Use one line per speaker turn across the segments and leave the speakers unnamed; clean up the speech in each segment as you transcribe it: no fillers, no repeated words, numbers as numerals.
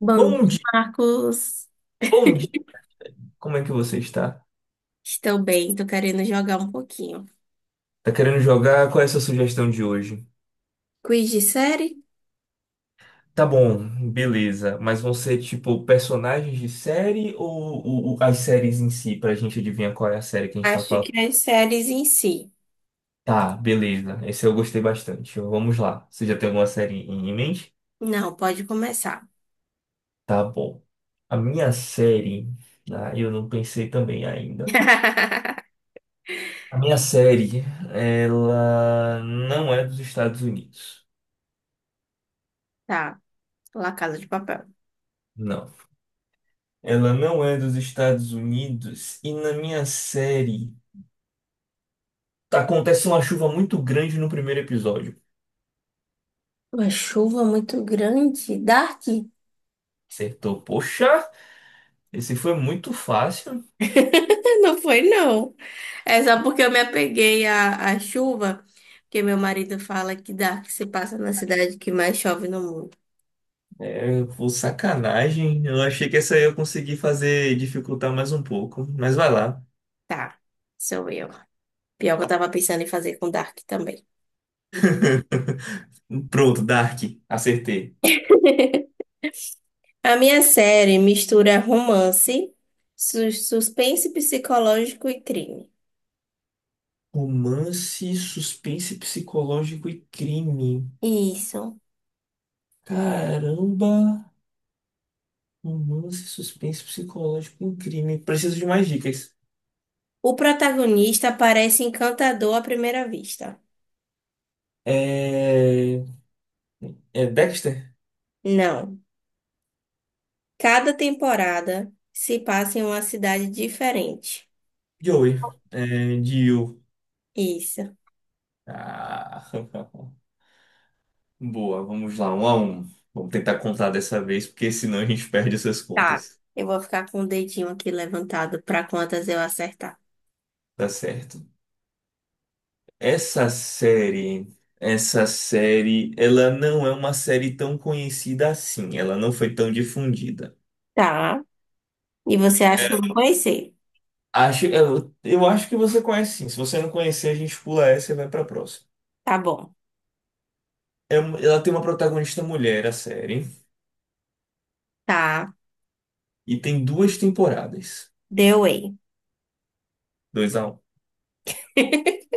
Bom,
Bom
dia,
dia,
Marcos,
bom dia. Como é que você está?
Estou bem, tô querendo jogar um pouquinho.
Tá querendo jogar? Qual é a sua sugestão de hoje?
Quiz de série?
Tá bom, beleza. Mas vão ser tipo personagens de série ou, as séries em si, pra gente adivinhar qual é a série que a gente tá
Acho
falando?
que as séries em si.
Tá, beleza. Esse eu gostei bastante. Vamos lá. Você já tem alguma série em mente?
Não, pode começar.
Tá bom. A minha série, ah, eu não pensei também ainda. A minha série, ela não é dos Estados Unidos.
Tá, La Casa de Papel.
Não. Ela não é dos Estados Unidos e na minha série tá, acontece uma chuva muito grande no primeiro episódio.
Uma chuva muito grande, Dark?
Acertou. Poxa, esse foi muito fácil.
Não foi, não. É só porque eu me apeguei à chuva, porque meu marido fala que Dark se passa na cidade que mais chove no mundo.
É, foi sacanagem. Eu achei que essa aí eu consegui fazer dificultar mais um pouco, mas vai lá.
Tá, sou eu. Pior que eu tava pensando em fazer com Dark também.
Pronto, Dark, acertei.
A minha série mistura romance, suspense psicológico e crime.
Romance, suspense psicológico e crime.
Isso.
Caramba! Romance, suspense psicológico e crime. Preciso de mais dicas.
O protagonista parece encantador à primeira vista.
É... É Dexter?
Não. Cada temporada se passa em uma cidade diferente.
Joey. É, Jill.
Isso.
Ah, boa, vamos lá, 1-1. Vamos tentar contar dessa vez, porque senão a gente perde essas
Tá.
contas.
Eu vou ficar com o dedinho aqui levantado para quantas eu acertar.
Tá certo. Essa série, essa série, ela não é uma série tão conhecida assim. Ela não foi tão difundida.
Tá. E você acha que eu vou conhecer?
Acho, eu acho que você conhece sim. Se você não conhecer, a gente pula essa e vai pra próxima.
Tá bom.
É uma- ela tem uma protagonista mulher, a série,
Tá.
e tem duas temporadas.
The Way.
2-1.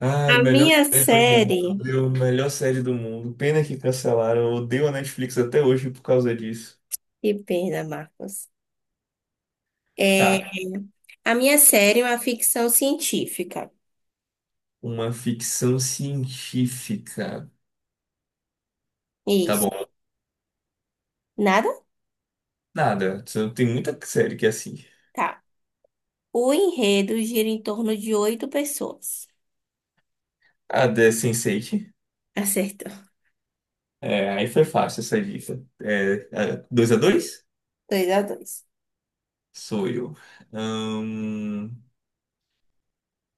Ai,
A
melhor
minha
série do mundo,
série.
viu? Melhor série do mundo. Pena que cancelaram. Eu odeio a Netflix até hoje por causa disso.
Que pena, Marcos.
Tá,
é A minha série é uma ficção científica.
uma ficção científica. Tá
Isso.
bom.
Nada?
Nada. Tem muita série que é assim.
Tá. O enredo gira em torno de oito pessoas.
A The Sense8.
Acertou.
É, aí foi fácil essa dica. 2-2.
Dois a dois.
Sou eu. Ahn,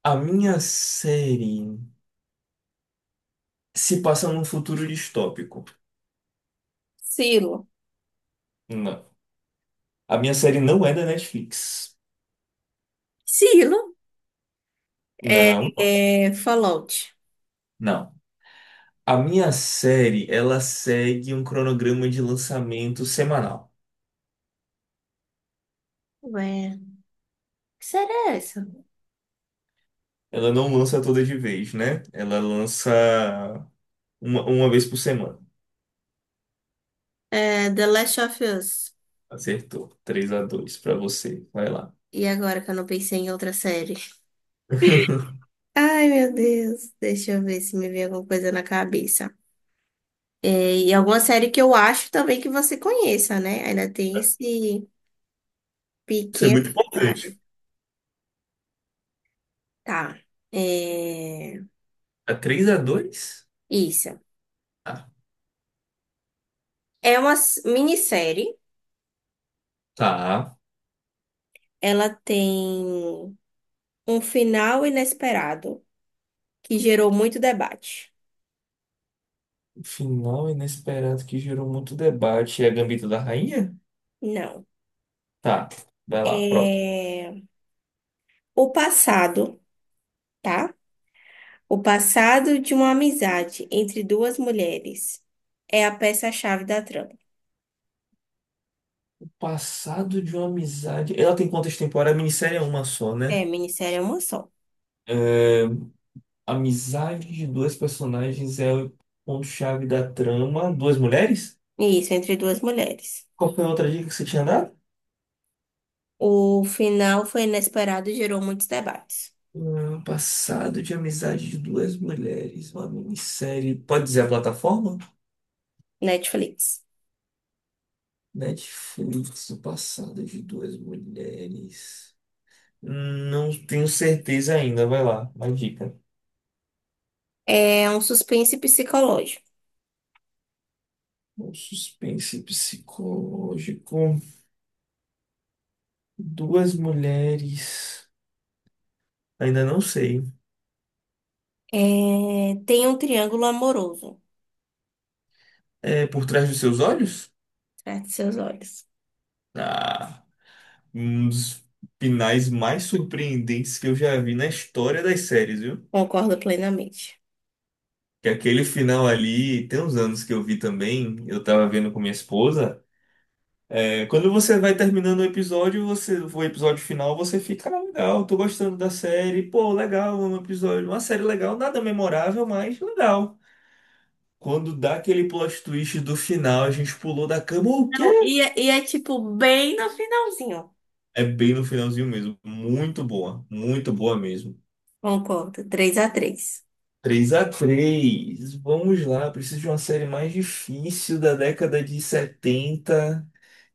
a minha série se passa num futuro distópico.
Silo.
Não. A minha série não é da Netflix.
Silo
Não,
é, é Fallout.
não. A minha série, ela segue um cronograma de lançamento semanal.
Ué, que série é essa?
Ela não lança toda de vez, né? Ela lança uma vez por semana.
É The Last of Us.
Acertou. 3-2 para você. Vai lá.
E agora que eu não pensei em outra série? Ai, meu Deus. Deixa eu ver se me vem alguma coisa na cabeça. É, e alguma série que eu acho também que você conheça, né? Ainda tem esse
Isso é
pequeno
muito importante.
detalhe. Tá. É...
A 3-2?
Isso.
Ah,
É uma minissérie.
tá.
Ela tem um final inesperado que gerou muito debate.
O final inesperado que gerou muito debate. É a Gambito da Rainha?
Não.
Tá. Vai lá, próximo.
É... O passado, tá? O passado de uma amizade entre duas mulheres é a peça-chave da trama.
Passado de uma amizade. Ela tem quantas temporadas? A minissérie é uma só,
É,
né?
minissérie é uma só.
É, a amizade de dois personagens é o ponto-chave da trama. Duas mulheres?
Isso, entre duas mulheres.
Qual foi a outra dica que você tinha dado?
O final foi inesperado e gerou muitos debates.
Passado de amizade de duas mulheres, uma minissérie. Pode dizer a plataforma?
Netflix.
Netflix, o passado de duas mulheres. Não tenho certeza ainda, vai lá, uma dica.
É um suspense psicológico.
Um suspense psicológico. Duas mulheres. Ainda não sei.
É, tem um triângulo amoroso
É por trás dos seus olhos?
atrás de seus olhos.
Ah, um dos finais mais surpreendentes que eu já vi na história das séries, viu?
Concordo plenamente.
Que aquele final ali, tem uns anos que eu vi também, eu tava vendo com minha esposa. É, quando você vai terminando o episódio, você, o episódio final, você fica, ah, legal, tô gostando da série, pô, legal, é um episódio, uma série legal, nada memorável, mas legal. Quando dá aquele plot twist do final, a gente pulou da cama, o quê?
Não, E é, tipo bem no finalzinho.
É bem no finalzinho mesmo. Muito boa mesmo.
Concordo. Três a três.
3-3, vamos lá, preciso de uma série mais difícil da década de 70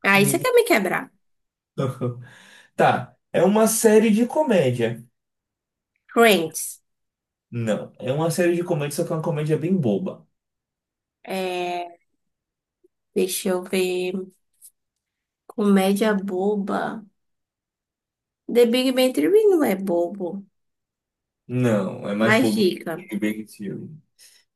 que
Aí você quer
ninguém-
me quebrar.
Tá, é uma série de comédia.
Friends.
Não, é uma série de comédia, só que é uma comédia bem boba.
É, deixa eu ver. Comédia boba. The Big Bang Theory não é bobo.
Não, é mais
Mais
bobo
dica.
que Big Bang Theory.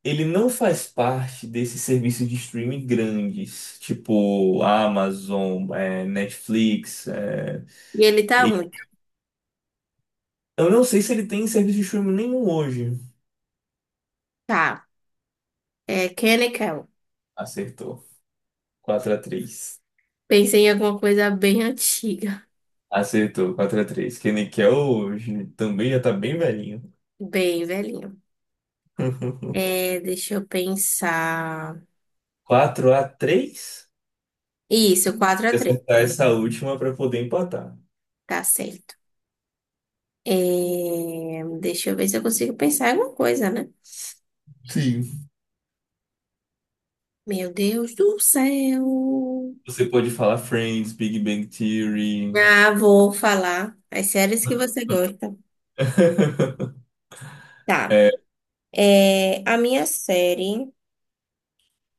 Ele não faz parte desse serviço de streaming grandes, tipo Amazon, é, Netflix.
E ele tá
E-
onde?
Eu não sei se ele tem serviço de streaming nenhum hoje.
Tá. É Kenny Kel.
Acertou. 4-3.
Pensei em alguma coisa bem antiga.
Acertou, quatro a três. Que hoje também já tá bem velhinho.
Bem velhinho. É, deixa eu pensar.
4-3.
Isso, quatro a
Tem que
três.
acertar essa última para poder empatar.
Tá certo. É, deixa eu ver se eu consigo pensar em alguma coisa, né?
Sim.
Meu Deus do céu.
Você pode falar Friends, Big Bang Theory.
Ah, vou falar as séries que você gosta. Tá.
É,
É, a minha série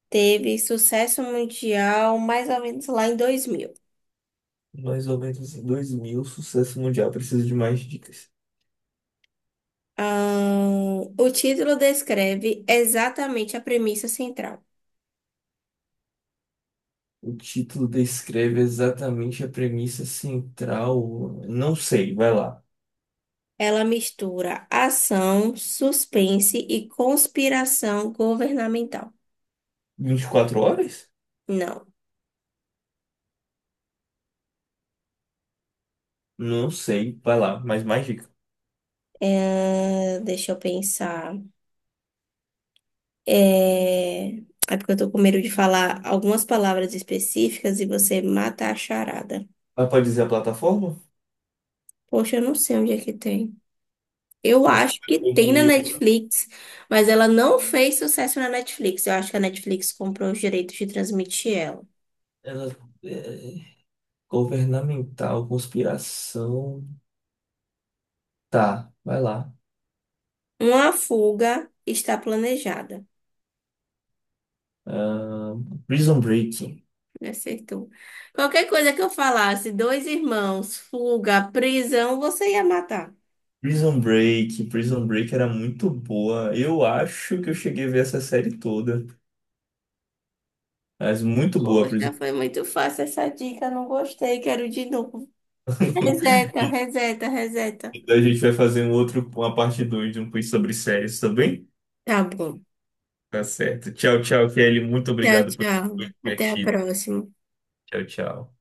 teve sucesso mundial mais ou menos lá em 2000.
mais ou menos em 2000, sucesso mundial, precisa de mais dicas.
O título descreve exatamente a premissa central.
O título descreve exatamente a premissa central. Não sei, vai lá.
Ela mistura ação, suspense e conspiração governamental.
24 horas?
Não.
Não sei, vai lá, mas mais dica.
É, deixa eu pensar. É, é, porque eu tô com medo de falar algumas palavras específicas e você mata a charada.
Ah, pode dizer a plataforma?
Poxa, eu não sei onde é que tem. Eu
Mas como
acho
é
que tem na
2000?
Netflix, mas ela não fez sucesso na Netflix. Eu acho que a Netflix comprou os direitos de transmitir ela.
Ela é, governamental, conspiração. Tá, vai lá.
Uma fuga está planejada.
Prison Break.
Me acertou. Qualquer coisa que eu falasse, dois irmãos, fuga, prisão, você ia matar.
Prison Break. Prison Break era muito boa. Eu acho que eu cheguei a ver essa série toda. Mas muito boa, a Prison
Poxa, foi muito fácil essa dica, não gostei, quero de novo.
Break.
Reseta, reseta, reseta.
A gente vai fazer um outro, uma parte 2 de um quiz sobre séries, tá bem?
Tá bom.
Tá certo. Tchau, tchau, Kelly. Muito
Tchau,
obrigado por
tchau.
ter
Até a
divertido.
próxima.
Tchau, tchau.